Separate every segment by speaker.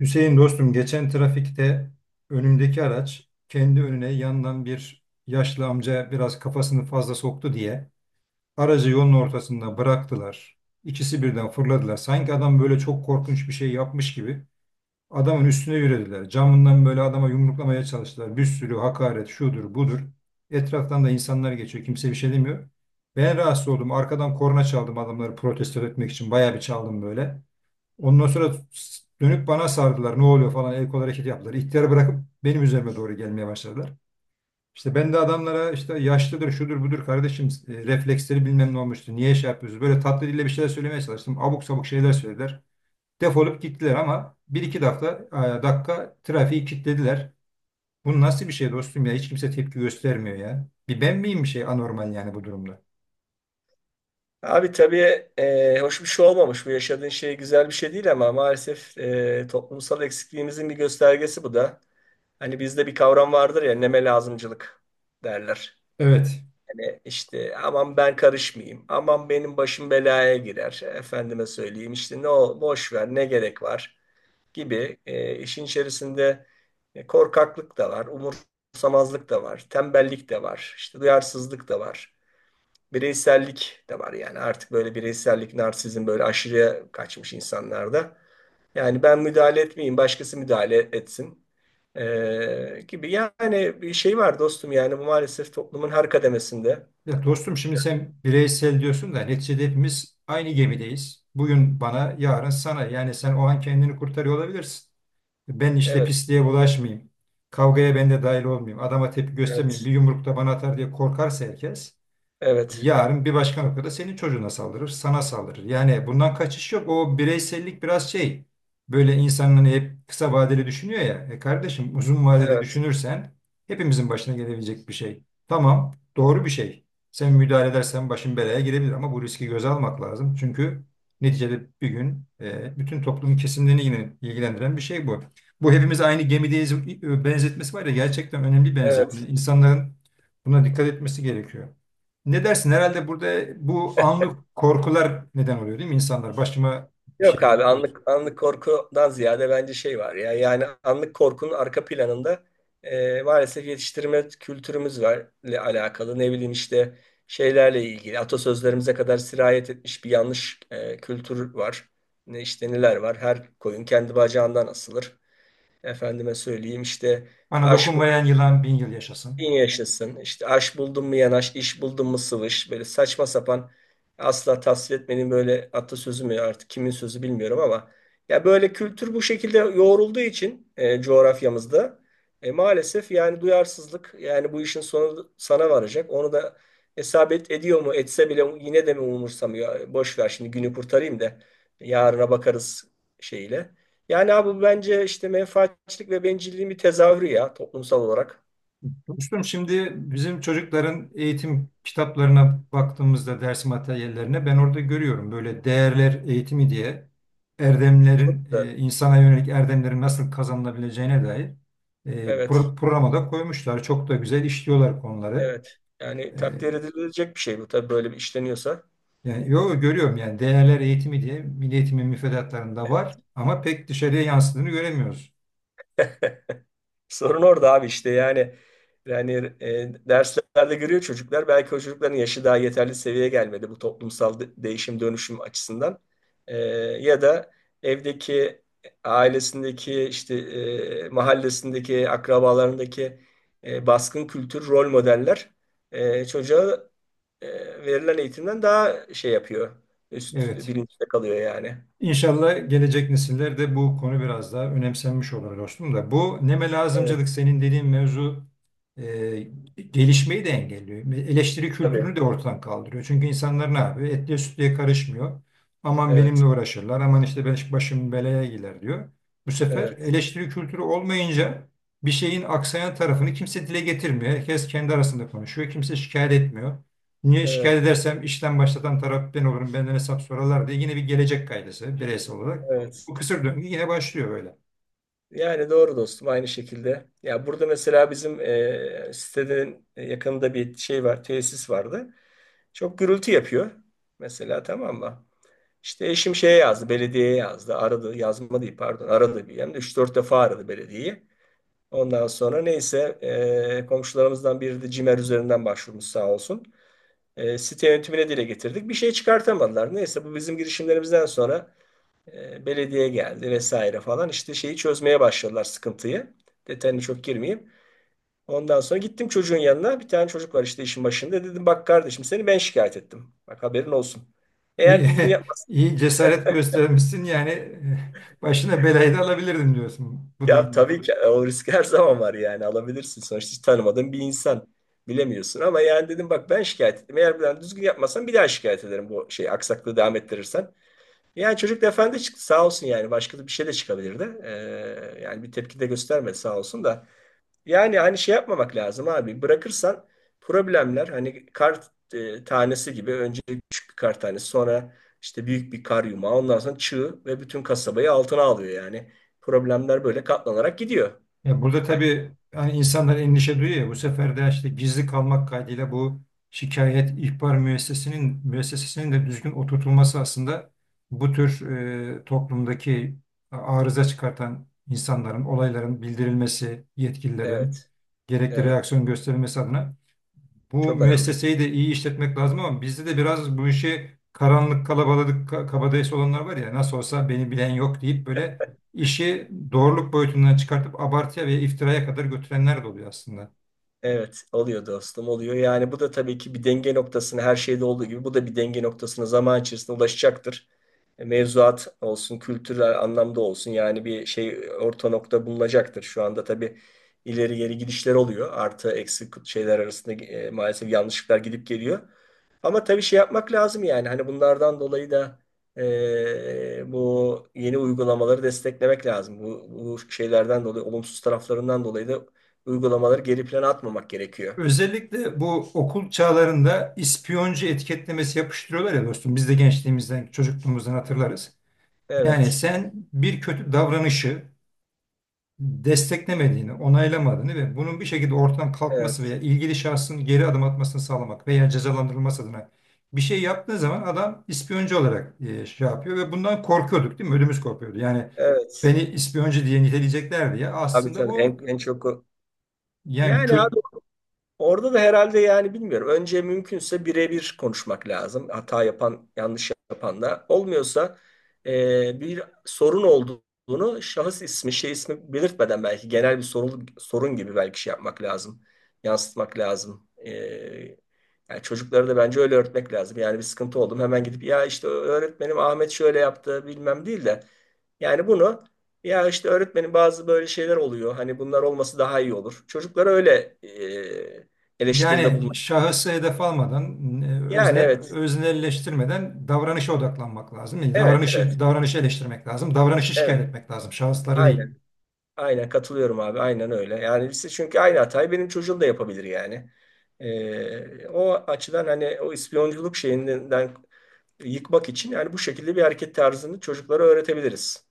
Speaker 1: Hüseyin dostum geçen trafikte önümdeki araç kendi önüne yandan bir yaşlı amca biraz kafasını fazla soktu diye aracı yolun ortasında bıraktılar. İkisi birden fırladılar. Sanki adam böyle çok korkunç bir şey yapmış gibi adamın üstüne yürüdüler. Camından böyle adama yumruklamaya çalıştılar. Bir sürü hakaret şudur budur. Etraftan da insanlar geçiyor. Kimse bir şey demiyor. Ben rahatsız oldum. Arkadan korna çaldım adamları protesto etmek için. Bayağı bir çaldım böyle. Ondan sonra dönüp bana sardılar. Ne oluyor falan el kol hareket yaptılar. İhtiyarı bırakıp benim üzerime doğru gelmeye başladılar. İşte ben de adamlara işte yaşlıdır, şudur, budur kardeşim refleksleri bilmem ne olmuştu. Niye şey yapıyorsunuz? Böyle tatlı dille bir şeyler söylemeye çalıştım. Abuk sabuk şeyler söylediler. Defolup gittiler ama bir iki dakika trafiği kilitlediler. Bu nasıl bir şey dostum ya? Hiç kimse tepki göstermiyor ya. Bir ben miyim bir şey anormal yani bu durumda?
Speaker 2: Abi tabii hoş bir şey olmamış. Bu yaşadığın şey güzel bir şey değil ama maalesef toplumsal eksikliğimizin bir göstergesi bu da. Hani bizde bir kavram vardır ya, neme lazımcılık derler.
Speaker 1: Evet.
Speaker 2: Hani işte aman ben karışmayayım, aman benim başım belaya girer, efendime söyleyeyim işte ne o boş ver ne gerek var gibi işin içerisinde korkaklık da var, umursamazlık da var, tembellik de var, işte duyarsızlık da var, bireysellik de var. Yani artık böyle bireysellik, narsizm böyle aşırıya kaçmış insanlarda. Yani ben müdahale etmeyeyim, başkası müdahale etsin gibi. Yani bir şey var dostum, yani bu maalesef toplumun her kademesinde.
Speaker 1: Ya dostum şimdi sen bireysel diyorsun da neticede hepimiz aynı gemideyiz. Bugün bana, yarın sana. Yani sen o an kendini kurtarıyor olabilirsin. Ben işte
Speaker 2: Evet,
Speaker 1: pisliğe bulaşmayayım. Kavgaya ben de dahil olmayayım. Adama tepki göstermeyeyim.
Speaker 2: evet,
Speaker 1: Bir yumruk da bana atar diye korkarsa herkes.
Speaker 2: evet,
Speaker 1: Yarın bir başka noktada senin çocuğuna saldırır, sana saldırır. Yani bundan kaçış yok. O bireysellik biraz şey. Böyle insanın hani hep kısa vadeli düşünüyor ya. E kardeşim uzun vadede
Speaker 2: evet,
Speaker 1: düşünürsen hepimizin başına gelebilecek bir şey. Tamam, doğru bir şey. Sen müdahale edersen başın belaya girebilir ama bu riski göze almak lazım. Çünkü neticede bir gün bütün toplumun kesimlerini yine ilgilendiren bir şey bu. Bu hepimiz aynı gemideyiz benzetmesi var ya gerçekten önemli bir benzetme.
Speaker 2: evet.
Speaker 1: İnsanların buna dikkat etmesi gerekiyor. Ne dersin? Herhalde burada bu anlık korkular neden oluyor değil mi insanlar? Başıma bir
Speaker 2: Yok
Speaker 1: şey
Speaker 2: abi,
Speaker 1: gelir korkusu.
Speaker 2: anlık anlık korkudan ziyade bence şey var ya, yani anlık korkunun arka planında maalesef yetiştirme kültürümüzle alakalı, ne bileyim işte şeylerle ilgili atasözlerimize kadar sirayet etmiş bir yanlış kültür var. Ne işte, neler var, her koyun kendi bacağından asılır. Efendime söyleyeyim işte
Speaker 1: Bana
Speaker 2: aş.
Speaker 1: dokunmayan yılan bin yıl yaşasın.
Speaker 2: Bin yaşasın. İşte aş buldun mu yanaş, iş buldun mu sıvış. Böyle saçma sapan asla tasvir etmenin böyle atasözü mü artık, kimin sözü bilmiyorum ama ya böyle kültür bu şekilde yoğrulduğu için coğrafyamızda maalesef, yani duyarsızlık, yani bu işin sonu sana varacak. Onu da hesap et, ediyor mu, etse bile yine de mi umursamıyor. Boş ver şimdi günü kurtarayım da yarına bakarız şeyle. Yani abi, bu bence işte menfaatçilik ve bencilliğin bir tezahürü ya toplumsal olarak.
Speaker 1: Dostum şimdi bizim çocukların eğitim kitaplarına baktığımızda ders materyallerine ben orada görüyorum. Böyle değerler eğitimi diye erdemlerin,
Speaker 2: Çok da.
Speaker 1: insana yönelik erdemlerin nasıl kazanılabileceğine dair
Speaker 2: Evet,
Speaker 1: programa da koymuşlar. Çok da güzel işliyorlar konuları.
Speaker 2: evet. Yani
Speaker 1: E,
Speaker 2: takdir edilecek bir şey bu tabii, böyle bir işleniyorsa.
Speaker 1: Yani yo görüyorum yani değerler eğitimi diye milli eğitimin müfredatlarında var ama pek dışarıya yansıdığını göremiyoruz.
Speaker 2: Sorun orada abi, işte yani derslerde görüyor çocuklar. Belki o çocukların yaşı daha yeterli seviyeye gelmedi bu toplumsal değişim dönüşüm açısından. E, ya da evdeki, ailesindeki, işte mahallesindeki, akrabalarındaki baskın kültür rol modeller çocuğa verilen eğitimden daha şey yapıyor. Üst
Speaker 1: Evet.
Speaker 2: bilinçte kalıyor yani.
Speaker 1: İnşallah gelecek nesillerde bu konu biraz daha önemsenmiş olur dostum da. Bu neme
Speaker 2: Evet.
Speaker 1: lazımcılık senin dediğin mevzu e, gelişmeyi de engelliyor. Eleştiri
Speaker 2: Tabii.
Speaker 1: kültürünü de ortadan kaldırıyor. Çünkü insanlar ne yapıyor? Etliye sütlüye karışmıyor. Aman benimle
Speaker 2: Evet.
Speaker 1: uğraşırlar. Aman işte ben başım belaya girer diyor. Bu sefer
Speaker 2: Evet.
Speaker 1: eleştiri kültürü olmayınca bir şeyin aksayan tarafını kimse dile getirmiyor. Herkes kendi arasında konuşuyor. Kimse şikayet etmiyor. Niye şikayet
Speaker 2: Evet.
Speaker 1: edersem işten başlatan taraf ben olurum, benden hesap sorarlar diye yine bir gelecek kaygısı bireysel olarak.
Speaker 2: Evet.
Speaker 1: Bu kısır döngü yine başlıyor böyle.
Speaker 2: Yani doğru dostum, aynı şekilde. Ya burada mesela bizim sitenin yakınında bir şey var, tesis vardı. Çok gürültü yapıyor. Mesela tamam mı? İşte eşim şeye yazdı, belediyeye yazdı. Aradı, yazma değil pardon. Aradı, bir hem de 3-4 defa aradı belediyeyi. Ondan sonra neyse komşularımızdan biri de CİMER üzerinden başvurmuş sağ olsun. Site yönetimine dile getirdik. Bir şey çıkartamadılar. Neyse, bu bizim girişimlerimizden sonra belediye geldi vesaire falan. İşte şeyi çözmeye başladılar, sıkıntıyı. Detayını çok girmeyeyim. Ondan sonra gittim çocuğun yanına. Bir tane çocuk var işte işin başında. Dedim bak kardeşim, seni ben şikayet ettim. Bak haberin olsun. Eğer
Speaker 1: İyi,
Speaker 2: düzgün yapmazsan.
Speaker 1: iyi cesaret göstermişsin yani başına belayı da alabilirdim diyorsun bu
Speaker 2: Ya
Speaker 1: durumda.
Speaker 2: tabii ki o risk her zaman var, yani alabilirsin. Sonuçta hiç tanımadığın bir insan, bilemiyorsun. Ama yani dedim bak, ben şikayet ettim. Eğer bir daha düzgün yapmazsan bir daha şikayet ederim, bu şey aksaklığı devam ettirirsen. Yani çocuk da efendi çıktı sağ olsun, yani başka da bir şey de çıkabilirdi. Yani bir tepki de göstermedi sağ olsun da. Yani hani şey yapmamak lazım abi. Bırakırsan problemler, hani kar tanesi gibi, önce küçük bir kar tanesi, sonra işte büyük bir kar yumağı, ondan sonra çığ, ve bütün kasabayı altına alıyor yani. Problemler böyle katlanarak gidiyor.
Speaker 1: Ya burada
Speaker 2: Yani
Speaker 1: tabii hani insanlar endişe duyuyor ya bu sefer de işte gizli kalmak kaydıyla bu şikayet ihbar müessesesinin de düzgün oturtulması aslında bu tür toplumdaki arıza çıkartan insanların, olayların bildirilmesi, yetkililerin
Speaker 2: evet,
Speaker 1: gerekli
Speaker 2: evet.
Speaker 1: reaksiyon gösterilmesi adına bu
Speaker 2: Çok önemli.
Speaker 1: müesseseyi de iyi işletmek lazım ama bizde de biraz bu işi kabadayısı olanlar var ya nasıl olsa beni bilen yok deyip böyle işi doğruluk boyutundan çıkartıp abartıya ve iftiraya kadar götürenler de oluyor aslında.
Speaker 2: Evet, oluyor dostum, oluyor. Yani bu da tabii ki bir denge noktasına, her şeyde olduğu gibi bu da bir denge noktasına zaman içerisinde ulaşacaktır. Mevzuat olsun, kültürel anlamda olsun, yani bir şey, orta nokta bulunacaktır. Şu anda tabii ileri geri gidişler oluyor. Artı eksi şeyler arasında maalesef yanlışlıklar gidip geliyor. Ama tabii şey yapmak lazım, yani hani bunlardan dolayı da bu yeni uygulamaları desteklemek lazım. Bu şeylerden dolayı, olumsuz taraflarından dolayı da uygulamaları geri plana atmamak gerekiyor.
Speaker 1: Özellikle bu okul çağlarında ispiyoncu etiketlemesi yapıştırıyorlar ya dostum biz de gençliğimizden çocukluğumuzdan hatırlarız. Yani
Speaker 2: Evet,
Speaker 1: sen bir kötü davranışı desteklemediğini, onaylamadığını ve bunun bir şekilde ortadan kalkması veya
Speaker 2: evet,
Speaker 1: ilgili şahsın geri adım atmasını sağlamak veya cezalandırılması adına bir şey yaptığı zaman adam ispiyoncu olarak şey yapıyor ve bundan korkuyorduk değil mi? Ödümüz kopuyordu. Yani beni
Speaker 2: evet.
Speaker 1: ispiyoncu diye niteleyecekler diye
Speaker 2: Abi
Speaker 1: aslında
Speaker 2: tabii
Speaker 1: bu
Speaker 2: en çok o-.
Speaker 1: yani
Speaker 2: Yani abi,
Speaker 1: kötü
Speaker 2: orada da herhalde, yani bilmiyorum. Önce mümkünse birebir konuşmak lazım. Hata yapan, yanlış yapan da. Olmuyorsa bir sorun olduğunu, şahıs ismi, şey ismi belirtmeden belki, genel bir sorun, sorun gibi belki şey yapmak lazım. Yansıtmak lazım. Yani çocuklara da bence öyle öğretmek lazım. Yani bir sıkıntı oldum hemen gidip ya işte öğretmenim Ahmet şöyle yaptı bilmem değil de, yani bunu, ya işte öğretmenin bazı böyle şeyler oluyor. Hani bunlar olması daha iyi olur. Çocuklara öyle eleştiride bulmak.
Speaker 1: yani şahısı hedef almadan,
Speaker 2: Yani evet.
Speaker 1: öznelleştirmeden davranışa odaklanmak lazım. Yani
Speaker 2: Evet, evet,
Speaker 1: davranışı eleştirmek lazım. Davranışı şikayet
Speaker 2: evet.
Speaker 1: etmek lazım. Şahısları değil.
Speaker 2: Aynen, aynen katılıyorum abi. Aynen öyle. Yani siz çünkü aynı hatayı benim çocuğum da yapabilir yani. O açıdan hani o ispiyonculuk şeyinden yıkmak için, yani bu şekilde bir hareket tarzını çocuklara öğretebiliriz.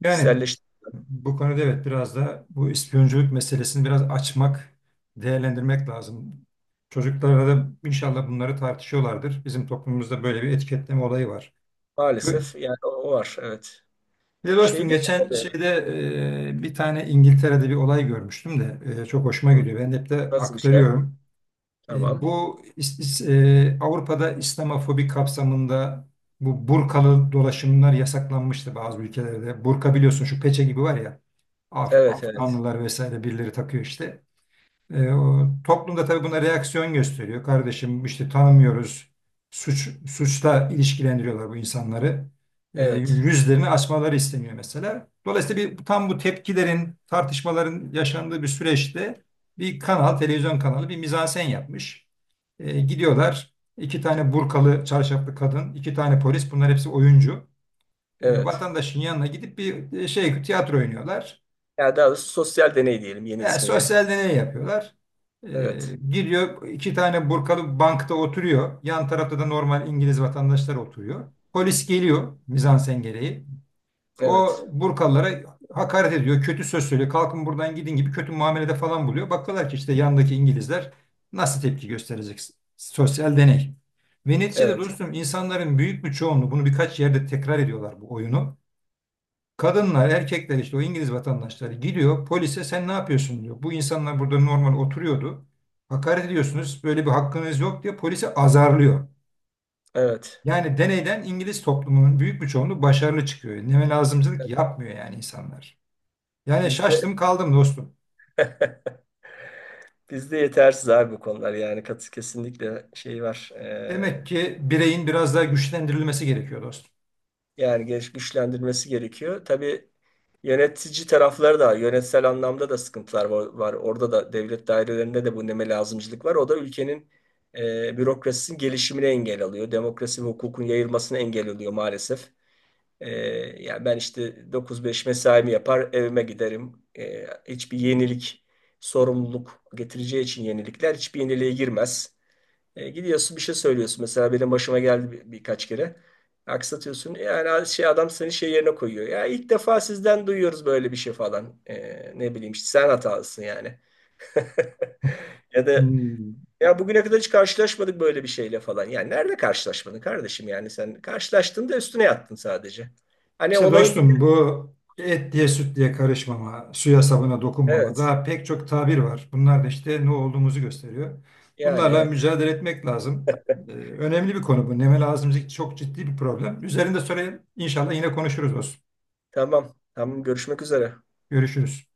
Speaker 1: Yani
Speaker 2: Kişiselleştirme
Speaker 1: Bu konuda evet biraz da bu ispiyonculuk meselesini biraz açmak, değerlendirmek lazım. Çocuklarla da inşallah bunları tartışıyorlardır. Bizim toplumumuzda böyle bir etiketleme olayı var. Kö-
Speaker 2: maalesef, yani o var. Evet.
Speaker 1: Ya dostum
Speaker 2: Şeyde.
Speaker 1: geçen şeyde bir tane İngiltere'de bir olay görmüştüm de çok hoşuma
Speaker 2: Hı,
Speaker 1: gidiyor. Ben hep de
Speaker 2: nasıl bir şey?
Speaker 1: aktarıyorum.
Speaker 2: Tamam.
Speaker 1: Bu Avrupa'da İslamofobi kapsamında bu burkalı dolaşımlar yasaklanmıştı bazı ülkelerde. Burka biliyorsun şu peçe gibi var ya.
Speaker 2: Evet, evet.
Speaker 1: Afganlılar vesaire birileri takıyor işte. Toplum da tabii buna reaksiyon gösteriyor. Kardeşim işte tanımıyoruz. Suçla ilişkilendiriyorlar bu insanları.
Speaker 2: Evet,
Speaker 1: Yüzlerini açmaları isteniyor mesela. Dolayısıyla bir, tam bu tepkilerin, tartışmaların yaşandığı bir süreçte bir kanal, televizyon kanalı bir mizansen yapmış. Gidiyorlar. İki tane burkalı, çarşaflı kadın, iki tane polis. Bunlar hepsi oyuncu.
Speaker 2: evet.
Speaker 1: Vatandaşın yanına gidip bir tiyatro oynuyorlar.
Speaker 2: Yani daha doğrusu sosyal deney diyelim, yeni
Speaker 1: Ya,
Speaker 2: ismiyle.
Speaker 1: sosyal deney yapıyorlar.
Speaker 2: Evet,
Speaker 1: Giriyor iki tane burkalı bankta oturuyor. Yan tarafta da normal İngiliz vatandaşlar oturuyor. Polis geliyor mizansen gereği. O
Speaker 2: evet,
Speaker 1: burkalılara hakaret ediyor. Kötü söz söylüyor. Kalkın buradan gidin gibi kötü muamelede falan buluyor. Bakıyorlar ki işte yandaki İngilizler nasıl tepki gösterecek? Sosyal deney. Ve neticede
Speaker 2: evet,
Speaker 1: dostum insanların büyük bir çoğunluğu bunu birkaç yerde tekrar ediyorlar bu oyunu. Kadınlar, erkekler işte o İngiliz vatandaşları gidiyor polise sen ne yapıyorsun diyor. Bu insanlar burada normal oturuyordu. Hakaret ediyorsunuz böyle bir hakkınız yok diye polise azarlıyor.
Speaker 2: evet.
Speaker 1: Yani deneyden İngiliz toplumunun büyük bir çoğunluğu başarılı çıkıyor. Neme lazımcılık yapmıyor yani insanlar. Yani
Speaker 2: Bizde
Speaker 1: şaştım kaldım dostum.
Speaker 2: bizde yetersiz abi bu konular, yani kesinlikle şey var.
Speaker 1: Demek ki bireyin biraz daha güçlendirilmesi gerekiyor dostum.
Speaker 2: Yani geliş güçlendirmesi gerekiyor. Tabii yönetici tarafları da, yönetsel anlamda da sıkıntılar var. Var. Orada da, devlet dairelerinde de bu neme lazımcılık var. O da ülkenin bürokrasisinin gelişimine engel alıyor. Demokrasi ve hukukun yayılmasına engel oluyor maalesef. Ee, ya ben işte 9-5 mesaimi yapar, evime giderim. Hiçbir yenilik, sorumluluk getireceği için yenilikler, hiçbir yeniliğe girmez. Gidiyorsun bir şey söylüyorsun. Mesela benim başıma geldi birkaç kere. Aksatıyorsun. Yani şey, adam seni şey yerine koyuyor. Ya ilk defa sizden duyuyoruz böyle bir şey falan. Ne bileyim işte sen hatalısın yani. Ya da
Speaker 1: Hmm.
Speaker 2: ya bugüne kadar hiç karşılaşmadık böyle bir şeyle falan. Yani nerede karşılaşmadın kardeşim, yani sen karşılaştın da üstüne yattın sadece. Hani
Speaker 1: İşte
Speaker 2: olayın bir.
Speaker 1: dostum bu et diye süt diye karışmama, suya sabuna dokunmama
Speaker 2: Evet.
Speaker 1: daha pek çok tabir var. Bunlar da işte ne olduğumuzu gösteriyor.
Speaker 2: Yani
Speaker 1: Bunlarla
Speaker 2: evet.
Speaker 1: mücadele etmek lazım. Önemli bir konu bu. Nemel ağzımızdaki çok ciddi bir problem. Üzerinde sonra inşallah yine konuşuruz dostum.
Speaker 2: Tamam. Tamam. Görüşmek üzere.
Speaker 1: Görüşürüz.